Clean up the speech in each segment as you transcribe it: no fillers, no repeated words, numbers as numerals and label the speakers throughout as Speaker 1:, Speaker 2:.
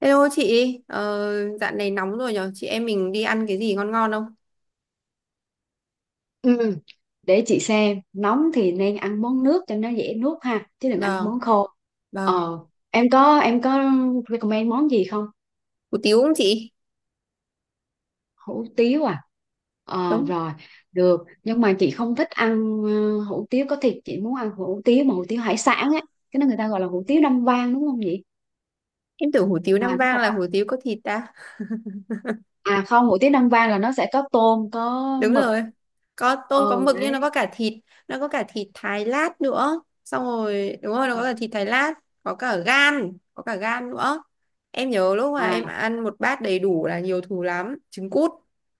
Speaker 1: Hello chị, dạo này nóng rồi nhở, chị em mình đi ăn cái gì ngon ngon không?
Speaker 2: Ừ, để chị xem nóng thì nên ăn món nước cho nó dễ nuốt ha chứ đừng ăn
Speaker 1: Vâng,
Speaker 2: món khô.
Speaker 1: vâng,
Speaker 2: ờ em có recommend món gì không?
Speaker 1: hủ tiếu không chị?
Speaker 2: Hủ tiếu à?
Speaker 1: Đúng,
Speaker 2: Rồi, được nhưng mà chị không thích ăn hủ tiếu có thịt, chị muốn ăn hủ tiếu mà hủ tiếu hải sản á. Cái đó người ta gọi là hủ tiếu Nam Vang đúng không chị?
Speaker 1: em tưởng hủ tiếu Nam
Speaker 2: À đúng
Speaker 1: Vang
Speaker 2: rồi đó.
Speaker 1: là hủ tiếu có thịt ta.
Speaker 2: À không, hủ tiếu Nam Vang là nó sẽ có tôm có
Speaker 1: Đúng
Speaker 2: mực.
Speaker 1: rồi, có tôm có
Speaker 2: Ừ
Speaker 1: mực nhưng
Speaker 2: đấy.
Speaker 1: nó có cả thịt, thái lát nữa. Xong rồi, đúng rồi, nó có cả thịt thái lát, có cả gan, nữa. Em nhớ lúc mà
Speaker 2: À
Speaker 1: em ăn một bát đầy đủ là nhiều thù lắm, trứng cút,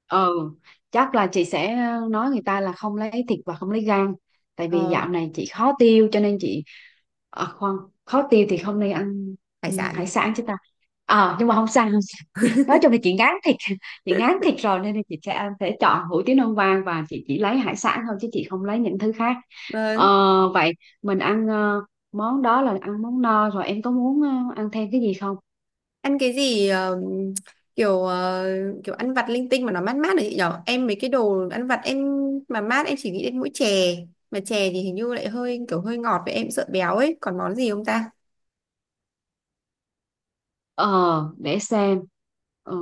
Speaker 2: ừ, chắc là chị sẽ nói người ta là không lấy thịt và không lấy gan, tại vì
Speaker 1: ờ,
Speaker 2: dạo này chị khó tiêu cho nên chị... à khoan, khó tiêu thì không nên ăn.
Speaker 1: hải
Speaker 2: Ừ, hải
Speaker 1: sản.
Speaker 2: sản chứ ta. Nhưng mà không sao không sao. Nói chung là chị ngán thịt, chị ngán thịt rồi nên là chị sẽ ăn sẽ chọn hủ tiếu non vàng và chị chỉ lấy hải sản thôi chứ chị không lấy những thứ khác. Ờ
Speaker 1: Vâng.
Speaker 2: Vậy mình ăn món đó là ăn món no rồi, em có muốn ăn thêm cái gì không?
Speaker 1: Ăn cái gì kiểu kiểu ăn vặt linh tinh mà nó mát mát đấy chị nhở, em mấy cái đồ ăn vặt em mà mát em chỉ nghĩ đến mỗi chè, mà chè thì hình như lại hơi kiểu hơi ngọt với em sợ béo ấy, còn món gì không ta.
Speaker 2: Ờ, để xem. Ờ,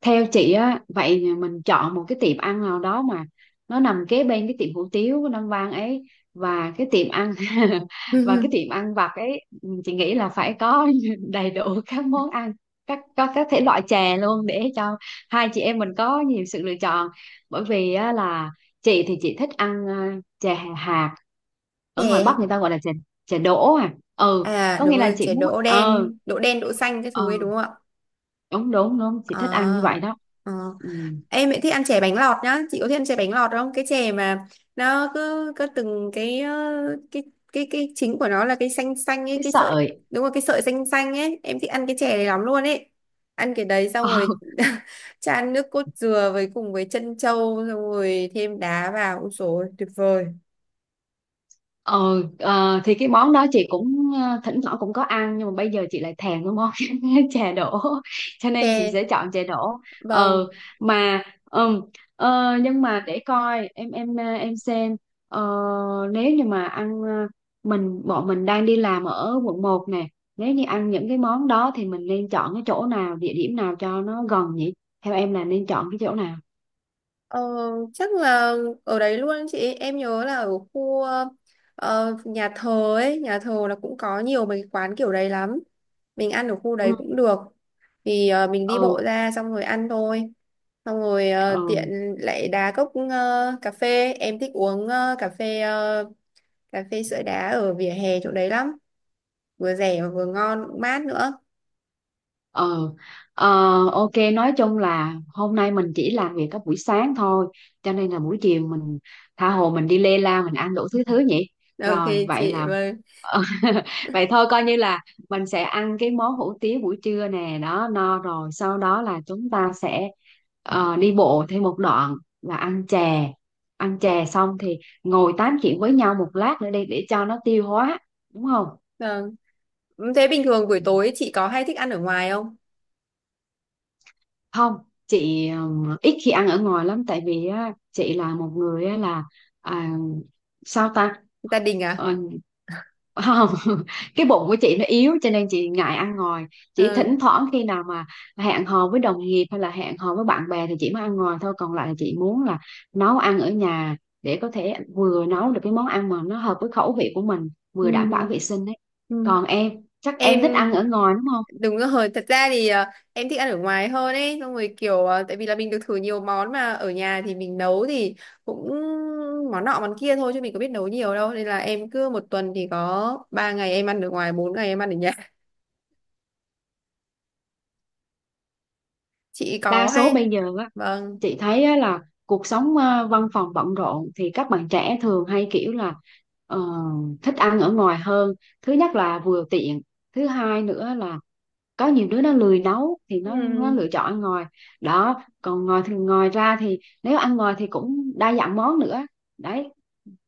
Speaker 2: Theo chị á, vậy mình chọn một cái tiệm ăn nào đó mà nó nằm kế bên cái tiệm hủ tiếu của Nam Vang ấy, và cái tiệm ăn và cái tiệm ăn vặt ấy, chị nghĩ là phải có đầy đủ các món ăn, có các thể loại chè luôn để cho hai chị em mình có nhiều sự lựa chọn. Bởi vì á, là chị thì chị thích ăn chè hạt, ở ngoài Bắc
Speaker 1: Chè,
Speaker 2: người ta gọi là chè chè đỗ à ừ.
Speaker 1: à
Speaker 2: Có
Speaker 1: đúng
Speaker 2: nghĩa là
Speaker 1: rồi,
Speaker 2: chị
Speaker 1: chè
Speaker 2: muốn
Speaker 1: đỗ đen, đỗ đen đỗ xanh cái
Speaker 2: ờ
Speaker 1: thứ ấy đúng không ạ?
Speaker 2: đúng đúng đúng chị thích ăn như
Speaker 1: À,
Speaker 2: vậy đó.
Speaker 1: à.
Speaker 2: Ừ,
Speaker 1: Em lại thích ăn chè bánh lọt nhá, chị có thích ăn chè bánh lọt không? Cái chè mà nó cứ cứ từng cái cái cái chính của nó là cái xanh xanh ấy,
Speaker 2: cái
Speaker 1: cái sợi,
Speaker 2: sợi.
Speaker 1: đúng rồi cái sợi xanh xanh ấy, em thích ăn cái chè này lắm luôn ấy. Ăn cái đấy xong
Speaker 2: ờ
Speaker 1: rồi chan nước cốt dừa với cùng với trân châu xong rồi thêm đá vào, ôi dồi, tuyệt vời.
Speaker 2: Ờ, thì cái món đó chị cũng thỉnh thoảng cũng có ăn nhưng mà bây giờ chị lại thèm cái món chè đỗ, cho nên chị
Speaker 1: Chè,
Speaker 2: sẽ chọn chè đỗ. ờ
Speaker 1: vâng.
Speaker 2: mà ừm, nhưng mà để coi em xem. Ờ, Nếu như mà ăn bọn mình đang đi làm ở quận một nè, nếu như ăn những cái món đó thì mình nên chọn cái chỗ nào, địa điểm nào cho nó gần nhỉ? Theo em là nên chọn cái chỗ nào?
Speaker 1: Ờ, chắc là ở đấy luôn chị, em nhớ là ở khu nhà thờ ấy, nhà thờ là cũng có nhiều mấy cái quán kiểu đấy lắm. Mình ăn ở khu
Speaker 2: Ừ.
Speaker 1: đấy cũng được, thì mình đi
Speaker 2: Ừ.
Speaker 1: bộ ra xong rồi ăn thôi, xong rồi
Speaker 2: Ừ.
Speaker 1: tiện lại đá cốc cà phê, em thích uống cà phê cà phê sữa đá ở vỉa hè chỗ đấy lắm, vừa rẻ mà vừa ngon cũng mát nữa.
Speaker 2: Ờ, ờ, ok, nói chung là hôm nay mình chỉ làm việc các buổi sáng thôi, cho nên là buổi chiều mình tha hồ mình đi lê la mình ăn đủ thứ thứ nhỉ.
Speaker 1: Ok
Speaker 2: Rồi vậy
Speaker 1: chị,
Speaker 2: là.
Speaker 1: vâng
Speaker 2: Ờ, vậy thôi coi như là mình sẽ ăn cái món hủ tiếu buổi trưa nè, đó no rồi sau đó là chúng ta sẽ đi bộ thêm một đoạn và ăn chè, ăn chè xong thì ngồi tám chuyện với nhau một lát nữa đi để cho nó tiêu hóa, đúng không?
Speaker 1: vâng. Ừ, thế bình thường buổi tối chị có hay thích ăn ở ngoài không?
Speaker 2: Không, chị ít khi ăn ở ngoài lắm tại vì á, chị là một người á, là à, sao ta.
Speaker 1: Gia đình à?
Speaker 2: Ờ, Không, cái bụng của chị nó yếu cho nên chị ngại ăn ngoài, chỉ
Speaker 1: Ừ.
Speaker 2: thỉnh thoảng khi nào mà hẹn hò với đồng nghiệp hay là hẹn hò với bạn bè thì chị mới ăn ngoài thôi, còn lại là chị muốn là nấu ăn ở nhà để có thể vừa nấu được cái món ăn mà nó hợp với khẩu vị của mình,
Speaker 1: Ừ.
Speaker 2: vừa đảm bảo vệ sinh đấy.
Speaker 1: Ừ.
Speaker 2: Còn em chắc em thích
Speaker 1: Em,
Speaker 2: ăn ở ngoài đúng không?
Speaker 1: đúng rồi, thật ra thì em thích ăn ở ngoài hơn ấy, xong rồi kiểu tại vì là mình được thử nhiều món, mà ở nhà thì mình nấu thì cũng món nọ món kia thôi chứ mình có biết nấu nhiều đâu, nên là em cứ một tuần thì có ba ngày em ăn ở ngoài, bốn ngày em ăn ở nhà. Chị
Speaker 2: Đa
Speaker 1: có
Speaker 2: số
Speaker 1: hay.
Speaker 2: bây giờ
Speaker 1: Vâng.
Speaker 2: chị thấy á, là cuộc sống văn phòng bận rộn thì các bạn trẻ thường hay kiểu là ờ, thích ăn ở ngoài hơn. Thứ nhất là vừa tiện, thứ hai nữa là có nhiều đứa nó lười nấu thì
Speaker 1: Ừ.
Speaker 2: nó lựa chọn ăn ngoài đó, còn ngoài ra thì nếu ăn ngoài thì cũng đa dạng món nữa đấy,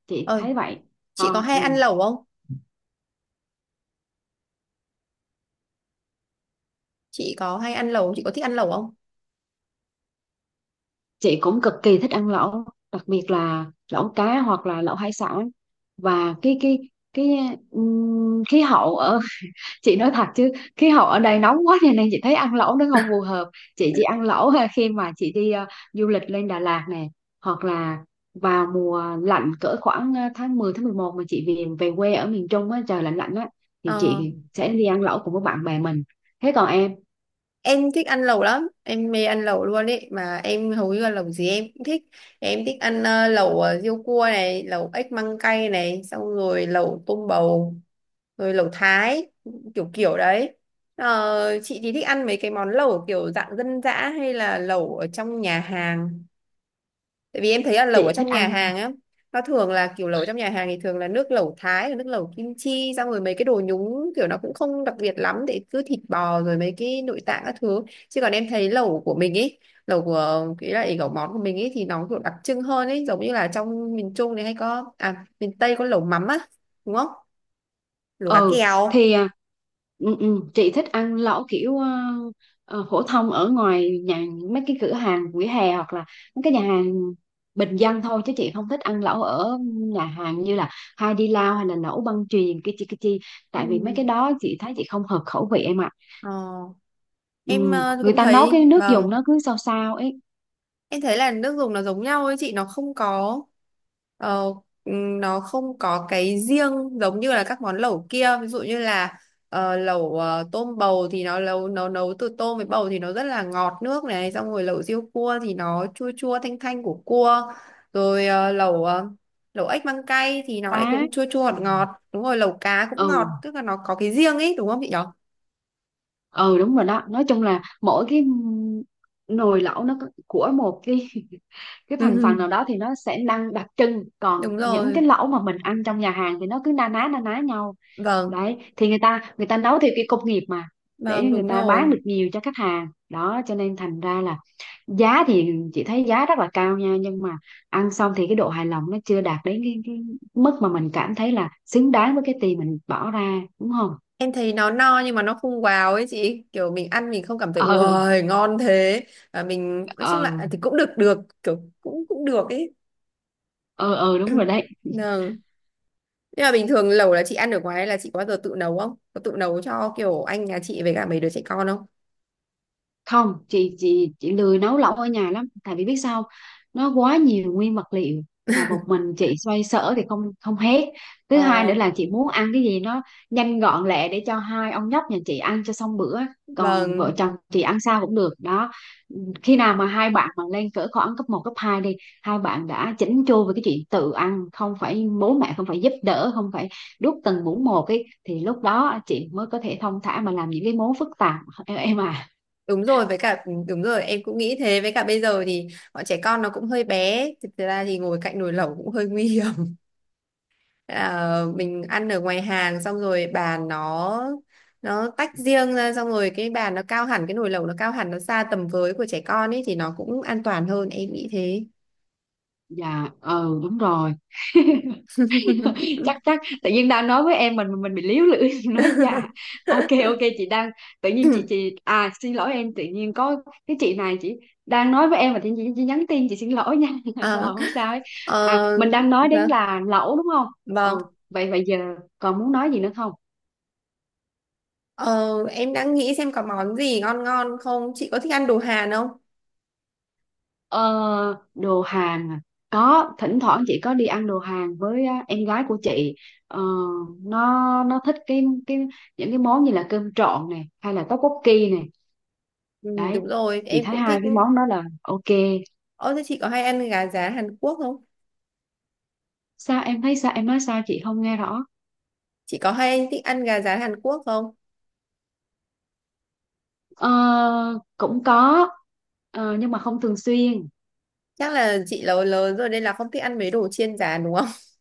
Speaker 2: chị
Speaker 1: Ờ,
Speaker 2: thấy vậy.
Speaker 1: chị có
Speaker 2: Còn
Speaker 1: hay
Speaker 2: ừ,
Speaker 1: ăn lẩu không? Chị có hay ăn lẩu, chị có thích ăn lẩu không?
Speaker 2: chị cũng cực kỳ thích ăn lẩu, đặc biệt là lẩu cá hoặc là lẩu hải sản. Và cái khí hậu ở, chị nói thật chứ khí hậu ở đây nóng quá cho nên chị thấy ăn lẩu nó không phù hợp, chị chỉ ăn lẩu ha khi mà chị đi du lịch lên Đà Lạt nè, hoặc là vào mùa lạnh cỡ khoảng tháng 10, tháng 11 mà chị về về quê ở miền Trung á, trời lạnh lạnh á thì
Speaker 1: Ờ.
Speaker 2: chị sẽ đi ăn lẩu cùng với bạn bè mình. Thế còn em?
Speaker 1: Em thích ăn lẩu lắm, em mê ăn lẩu luôn ấy, mà em hầu như là lẩu gì em cũng thích. Em thích ăn lẩu riêu cua này, lẩu ếch măng cay này, xong rồi lẩu tôm bầu, rồi lẩu thái, kiểu kiểu đấy. Ờ, chị thì thích ăn mấy cái món lẩu kiểu dạng dân dã hay là lẩu ở trong nhà hàng? Tại vì em thấy là lẩu ở
Speaker 2: Chị thích
Speaker 1: trong
Speaker 2: ăn.
Speaker 1: nhà hàng á, nó thường là kiểu lẩu trong nhà hàng thì thường là nước lẩu Thái, rồi nước lẩu kim chi, xong rồi mấy cái đồ nhúng kiểu nó cũng không đặc biệt lắm, để cứ thịt bò rồi mấy cái nội tạng các thứ. Chứ còn em thấy lẩu của mình ấy, lẩu món của mình ấy thì nó kiểu đặc trưng hơn ấy, giống như là trong miền Trung này hay có, à miền Tây có lẩu mắm á, đúng không? Lẩu cá
Speaker 2: Ừ
Speaker 1: kèo.
Speaker 2: thì à, ừ, ừ, chị thích ăn lẩu kiểu phổ thông ở ngoài nhà, mấy cái cửa hàng vỉa hè hoặc là mấy cái nhà hàng bình dân thôi chứ chị không thích ăn lẩu ở nhà hàng như là Hai Đi Lao hay là lẩu băng chuyền cái chi cái chi, tại vì mấy
Speaker 1: Ừ.
Speaker 2: cái đó chị thấy chị không hợp khẩu vị em ạ.
Speaker 1: Ờ,
Speaker 2: Ừ,
Speaker 1: em
Speaker 2: người
Speaker 1: cũng
Speaker 2: ta nấu cái
Speaker 1: thấy
Speaker 2: nước dùng
Speaker 1: vâng.
Speaker 2: nó cứ sao sao ấy.
Speaker 1: Em thấy là nước dùng nó giống nhau ấy chị, nó không có ờ, nó không có cái riêng, giống như là các món lẩu kia, ví dụ như là lẩu tôm bầu thì nó nấu nấu nấu từ tôm với bầu thì nó rất là ngọt nước này, xong rồi lẩu riêu cua thì nó chua chua thanh thanh của cua, rồi lẩu lẩu ếch măng cay thì nó lại
Speaker 2: Phá.
Speaker 1: cũng chua chua ngọt
Speaker 2: Ừ.
Speaker 1: ngọt, đúng rồi lẩu cá cũng ngọt,
Speaker 2: Ừ.
Speaker 1: tức là nó có cái riêng ấy đúng không chị nhỉ?
Speaker 2: Ừ đúng rồi đó, nói chung là mỗi cái nồi lẩu nó của một cái cái thành phần nào đó thì nó sẽ năng đặc trưng, còn
Speaker 1: Đúng
Speaker 2: những
Speaker 1: rồi,
Speaker 2: cái lẩu mà mình ăn trong nhà hàng thì nó cứ na ná nhau.
Speaker 1: vâng,
Speaker 2: Đấy thì người ta nấu theo cái công nghiệp mà, để
Speaker 1: vâng
Speaker 2: người
Speaker 1: đúng
Speaker 2: ta bán
Speaker 1: rồi.
Speaker 2: được nhiều cho khách hàng đó, cho nên thành ra là giá thì chị thấy giá rất là cao nha, nhưng mà ăn xong thì cái độ hài lòng nó chưa đạt đến cái mức mà mình cảm thấy là xứng đáng với cái tiền mình bỏ ra đúng không?
Speaker 1: Em thấy nó no nhưng mà nó không wow ấy chị, kiểu mình ăn mình không cảm thấy
Speaker 2: Ừ.
Speaker 1: wow ngon thế. Và mình nói chung là
Speaker 2: Ừ.
Speaker 1: à, thì cũng được được, kiểu cũng cũng được ấy.
Speaker 2: Ừ. Ừ đúng rồi đấy.
Speaker 1: Vâng. Nhưng mà bình thường lẩu là chị ăn ở ngoài, hay là chị có bao giờ tự nấu không? Có tự nấu cho kiểu anh nhà chị với cả mấy đứa trẻ con không?
Speaker 2: Không, chị lười nấu lẩu ở nhà lắm tại vì biết sao không? Nó quá nhiều nguyên vật liệu mà một mình chị xoay sở thì không không hết. Thứ hai
Speaker 1: Ờ,
Speaker 2: nữa là chị muốn ăn cái gì nó nhanh gọn lẹ để cho hai ông nhóc nhà chị ăn cho xong bữa, còn vợ
Speaker 1: vâng,
Speaker 2: chồng chị ăn sao cũng được đó. Khi nào mà hai bạn mà lên cỡ khoảng cấp một cấp 2 đi, hai bạn đã chỉnh chu về cái chuyện tự ăn, không phải bố mẹ, không phải giúp đỡ, không phải đút từng muỗng một ấy thì lúc đó chị mới có thể thong thả mà làm những cái món phức tạp em à.
Speaker 1: đúng rồi, với cả đúng rồi em cũng nghĩ thế, với cả bây giờ thì bọn trẻ con nó cũng hơi bé, thực ra thì ngồi cạnh nồi lẩu cũng hơi nguy hiểm. Ờ, mình ăn ở ngoài hàng xong rồi bàn nó tách riêng ra xong rồi cái bàn nó cao hẳn, cái nồi lẩu nó cao hẳn, nó xa tầm với của trẻ con ấy thì nó cũng an toàn hơn em nghĩ thế.
Speaker 2: Dạ ừ đúng rồi. chắc chắc tự nhiên đang nói với em mình bị líu lưỡi, nói dạ. Ok ok, chị đang, tự nhiên chị à xin lỗi em, tự nhiên có cái chị này, chị đang nói với em mà tự nhiên chị nhắn tin, chị xin lỗi nha. Rồi
Speaker 1: Ờ,
Speaker 2: không sao ấy. À
Speaker 1: ờ,
Speaker 2: mình đang nói đến
Speaker 1: dạ,
Speaker 2: là lẩu đúng không?
Speaker 1: vâng.
Speaker 2: Ừ, vậy vậy giờ còn muốn nói gì nữa không?
Speaker 1: Ờ, em đang nghĩ xem có món gì ngon ngon không, chị có thích ăn đồ Hàn không?
Speaker 2: Ờ, Đồ Hàn à? Có, thỉnh thoảng chị có đi ăn đồ Hàn với á, em gái của chị. Ờ, nó nó thích cái những cái món như là cơm trộn này hay là tteokbokki này.
Speaker 1: Ừ,
Speaker 2: Đấy,
Speaker 1: đúng rồi
Speaker 2: chị
Speaker 1: em
Speaker 2: thấy
Speaker 1: cũng
Speaker 2: hai
Speaker 1: thích.
Speaker 2: cái món đó là ok.
Speaker 1: Ơ thế chị có hay ăn gà rán Hàn Quốc không?
Speaker 2: Sao? Em thấy sao? Em nói sao? Chị không nghe rõ.
Speaker 1: Chị có hay thích ăn gà rán Hàn Quốc không?
Speaker 2: Ờ, Cũng có, nhưng mà không thường xuyên.
Speaker 1: Chắc là chị lớn lớn rồi nên là không thích ăn mấy đồ chiên rán đúng không?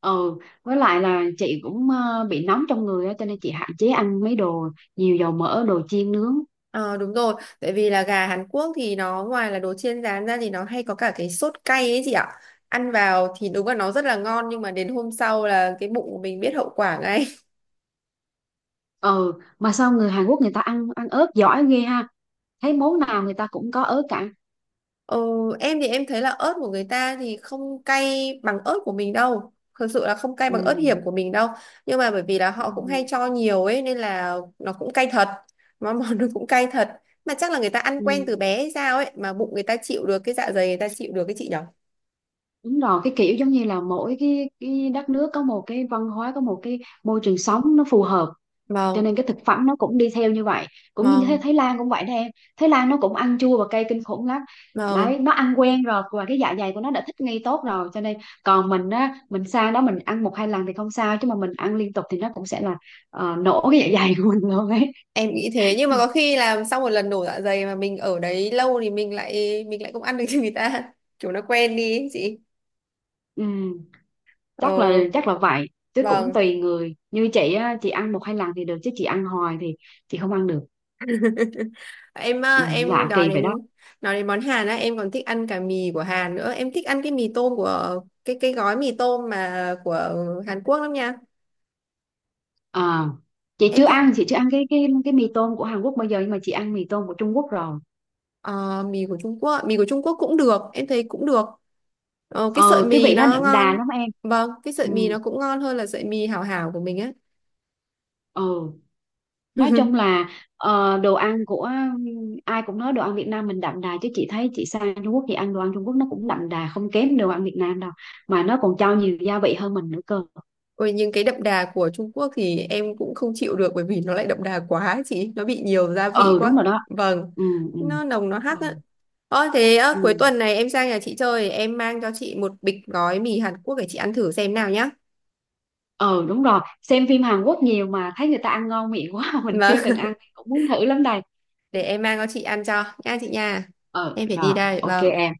Speaker 2: Ừ, với lại là chị cũng bị nóng trong người á, cho nên chị hạn chế ăn mấy đồ nhiều dầu mỡ, đồ chiên nướng.
Speaker 1: Ờ đúng rồi, tại vì là gà Hàn Quốc thì nó ngoài là đồ chiên rán ra thì nó hay có cả cái sốt cay ấy chị ạ. Ăn vào thì đúng là nó rất là ngon, nhưng mà đến hôm sau là cái bụng của mình biết hậu quả ngay.
Speaker 2: Ừ, mà sao người Hàn Quốc người ta ăn ăn ớt giỏi ghê ha, thấy món nào người ta cũng có ớt cả.
Speaker 1: Ờ, em thì em thấy là ớt của người ta thì không cay bằng ớt của mình đâu. Thực sự là không cay bằng ớt
Speaker 2: Ừ.
Speaker 1: hiểm của mình đâu. Nhưng mà bởi vì là
Speaker 2: Ừ.
Speaker 1: họ cũng hay cho nhiều ấy nên là nó cũng cay thật. Mà món nó cũng cay thật. Mà chắc là người ta ăn quen
Speaker 2: Ừ.
Speaker 1: từ bé hay sao ấy, mà bụng người ta chịu được, cái dạ dày người ta chịu được, cái chị nhở.
Speaker 2: Đúng rồi, cái kiểu giống như là mỗi cái đất nước có một cái văn hóa, có một cái môi trường sống nó phù hợp, cho
Speaker 1: Vâng,
Speaker 2: nên cái thực phẩm nó cũng đi theo như vậy. Cũng như thế
Speaker 1: vâng,
Speaker 2: Thái Lan cũng vậy đó em, Thái Lan nó cũng ăn chua và cay kinh khủng lắm.
Speaker 1: vâng.
Speaker 2: Đấy, nó ăn quen rồi và cái dạ dày của nó đã thích nghi tốt rồi, cho nên còn mình á, mình sang đó mình ăn một hai lần thì không sao chứ mà mình ăn liên tục thì nó cũng sẽ là nổ cái dạ dày của mình luôn ấy.
Speaker 1: Em nghĩ thế, nhưng mà có khi làm sau một lần nổ dạ dày mà mình ở đấy lâu thì mình lại không ăn được như người ta. Chúng nó quen đi ấy, chị.
Speaker 2: Ừ, chắc là
Speaker 1: Ờ,
Speaker 2: chắc là vậy, chứ cũng
Speaker 1: vâng.
Speaker 2: tùy người, như chị á, chị ăn một hai lần thì được chứ chị ăn hoài thì chị không ăn được.
Speaker 1: Em
Speaker 2: Ừ,
Speaker 1: em
Speaker 2: lạ kỳ
Speaker 1: nói
Speaker 2: vậy
Speaker 1: đến
Speaker 2: đó.
Speaker 1: nói đến món Hàn á, em còn thích ăn cả mì của Hàn nữa, em thích ăn cái mì tôm của cái gói mì tôm mà của Hàn Quốc lắm nha.
Speaker 2: À, chị chưa
Speaker 1: Em thích
Speaker 2: ăn chị chưa ăn cái mì tôm của Hàn Quốc bao giờ nhưng mà chị ăn mì tôm của Trung Quốc rồi.
Speaker 1: ờ, mì của Trung Quốc cũng được, em thấy cũng được. Ờ, cái sợi
Speaker 2: Ừ, cái
Speaker 1: mì
Speaker 2: vị nó
Speaker 1: nó
Speaker 2: đậm đà
Speaker 1: ngon.
Speaker 2: lắm em.
Speaker 1: Vâng, cái
Speaker 2: Ừ,
Speaker 1: sợi mì nó cũng ngon hơn là sợi mì hảo hảo của mình á.
Speaker 2: ừ. Nói chung là đồ ăn của, ai cũng nói đồ ăn Việt Nam mình đậm đà chứ chị thấy chị sang Trung Quốc thì ăn đồ ăn Trung Quốc nó cũng đậm đà không kém đồ ăn Việt Nam đâu, mà nó còn cho nhiều gia vị hơn mình nữa cơ.
Speaker 1: Ôi, nhưng cái đậm đà của Trung Quốc thì em cũng không chịu được, bởi vì nó lại đậm đà quá ấy chị, nó bị nhiều gia vị
Speaker 2: Ừ đúng
Speaker 1: quá,
Speaker 2: rồi đó.
Speaker 1: vâng,
Speaker 2: Ừ. Ừ.
Speaker 1: nó nồng nó hắc
Speaker 2: Ừ.
Speaker 1: á. Ơ thế ơ,
Speaker 2: Ừ.
Speaker 1: cuối tuần này em sang nhà chị chơi em mang cho chị một bịch gói mì Hàn Quốc để chị ăn thử xem nào nhá.
Speaker 2: Ừ đúng rồi, xem phim Hàn Quốc nhiều mà thấy người ta ăn ngon miệng quá, mình
Speaker 1: Vâng.
Speaker 2: chưa từng ăn cũng muốn thử lắm đây.
Speaker 1: Để em mang cho chị ăn cho nha chị nha.
Speaker 2: Ờ
Speaker 1: Em phải
Speaker 2: Rồi,
Speaker 1: đi đây
Speaker 2: ok
Speaker 1: vâng.
Speaker 2: em.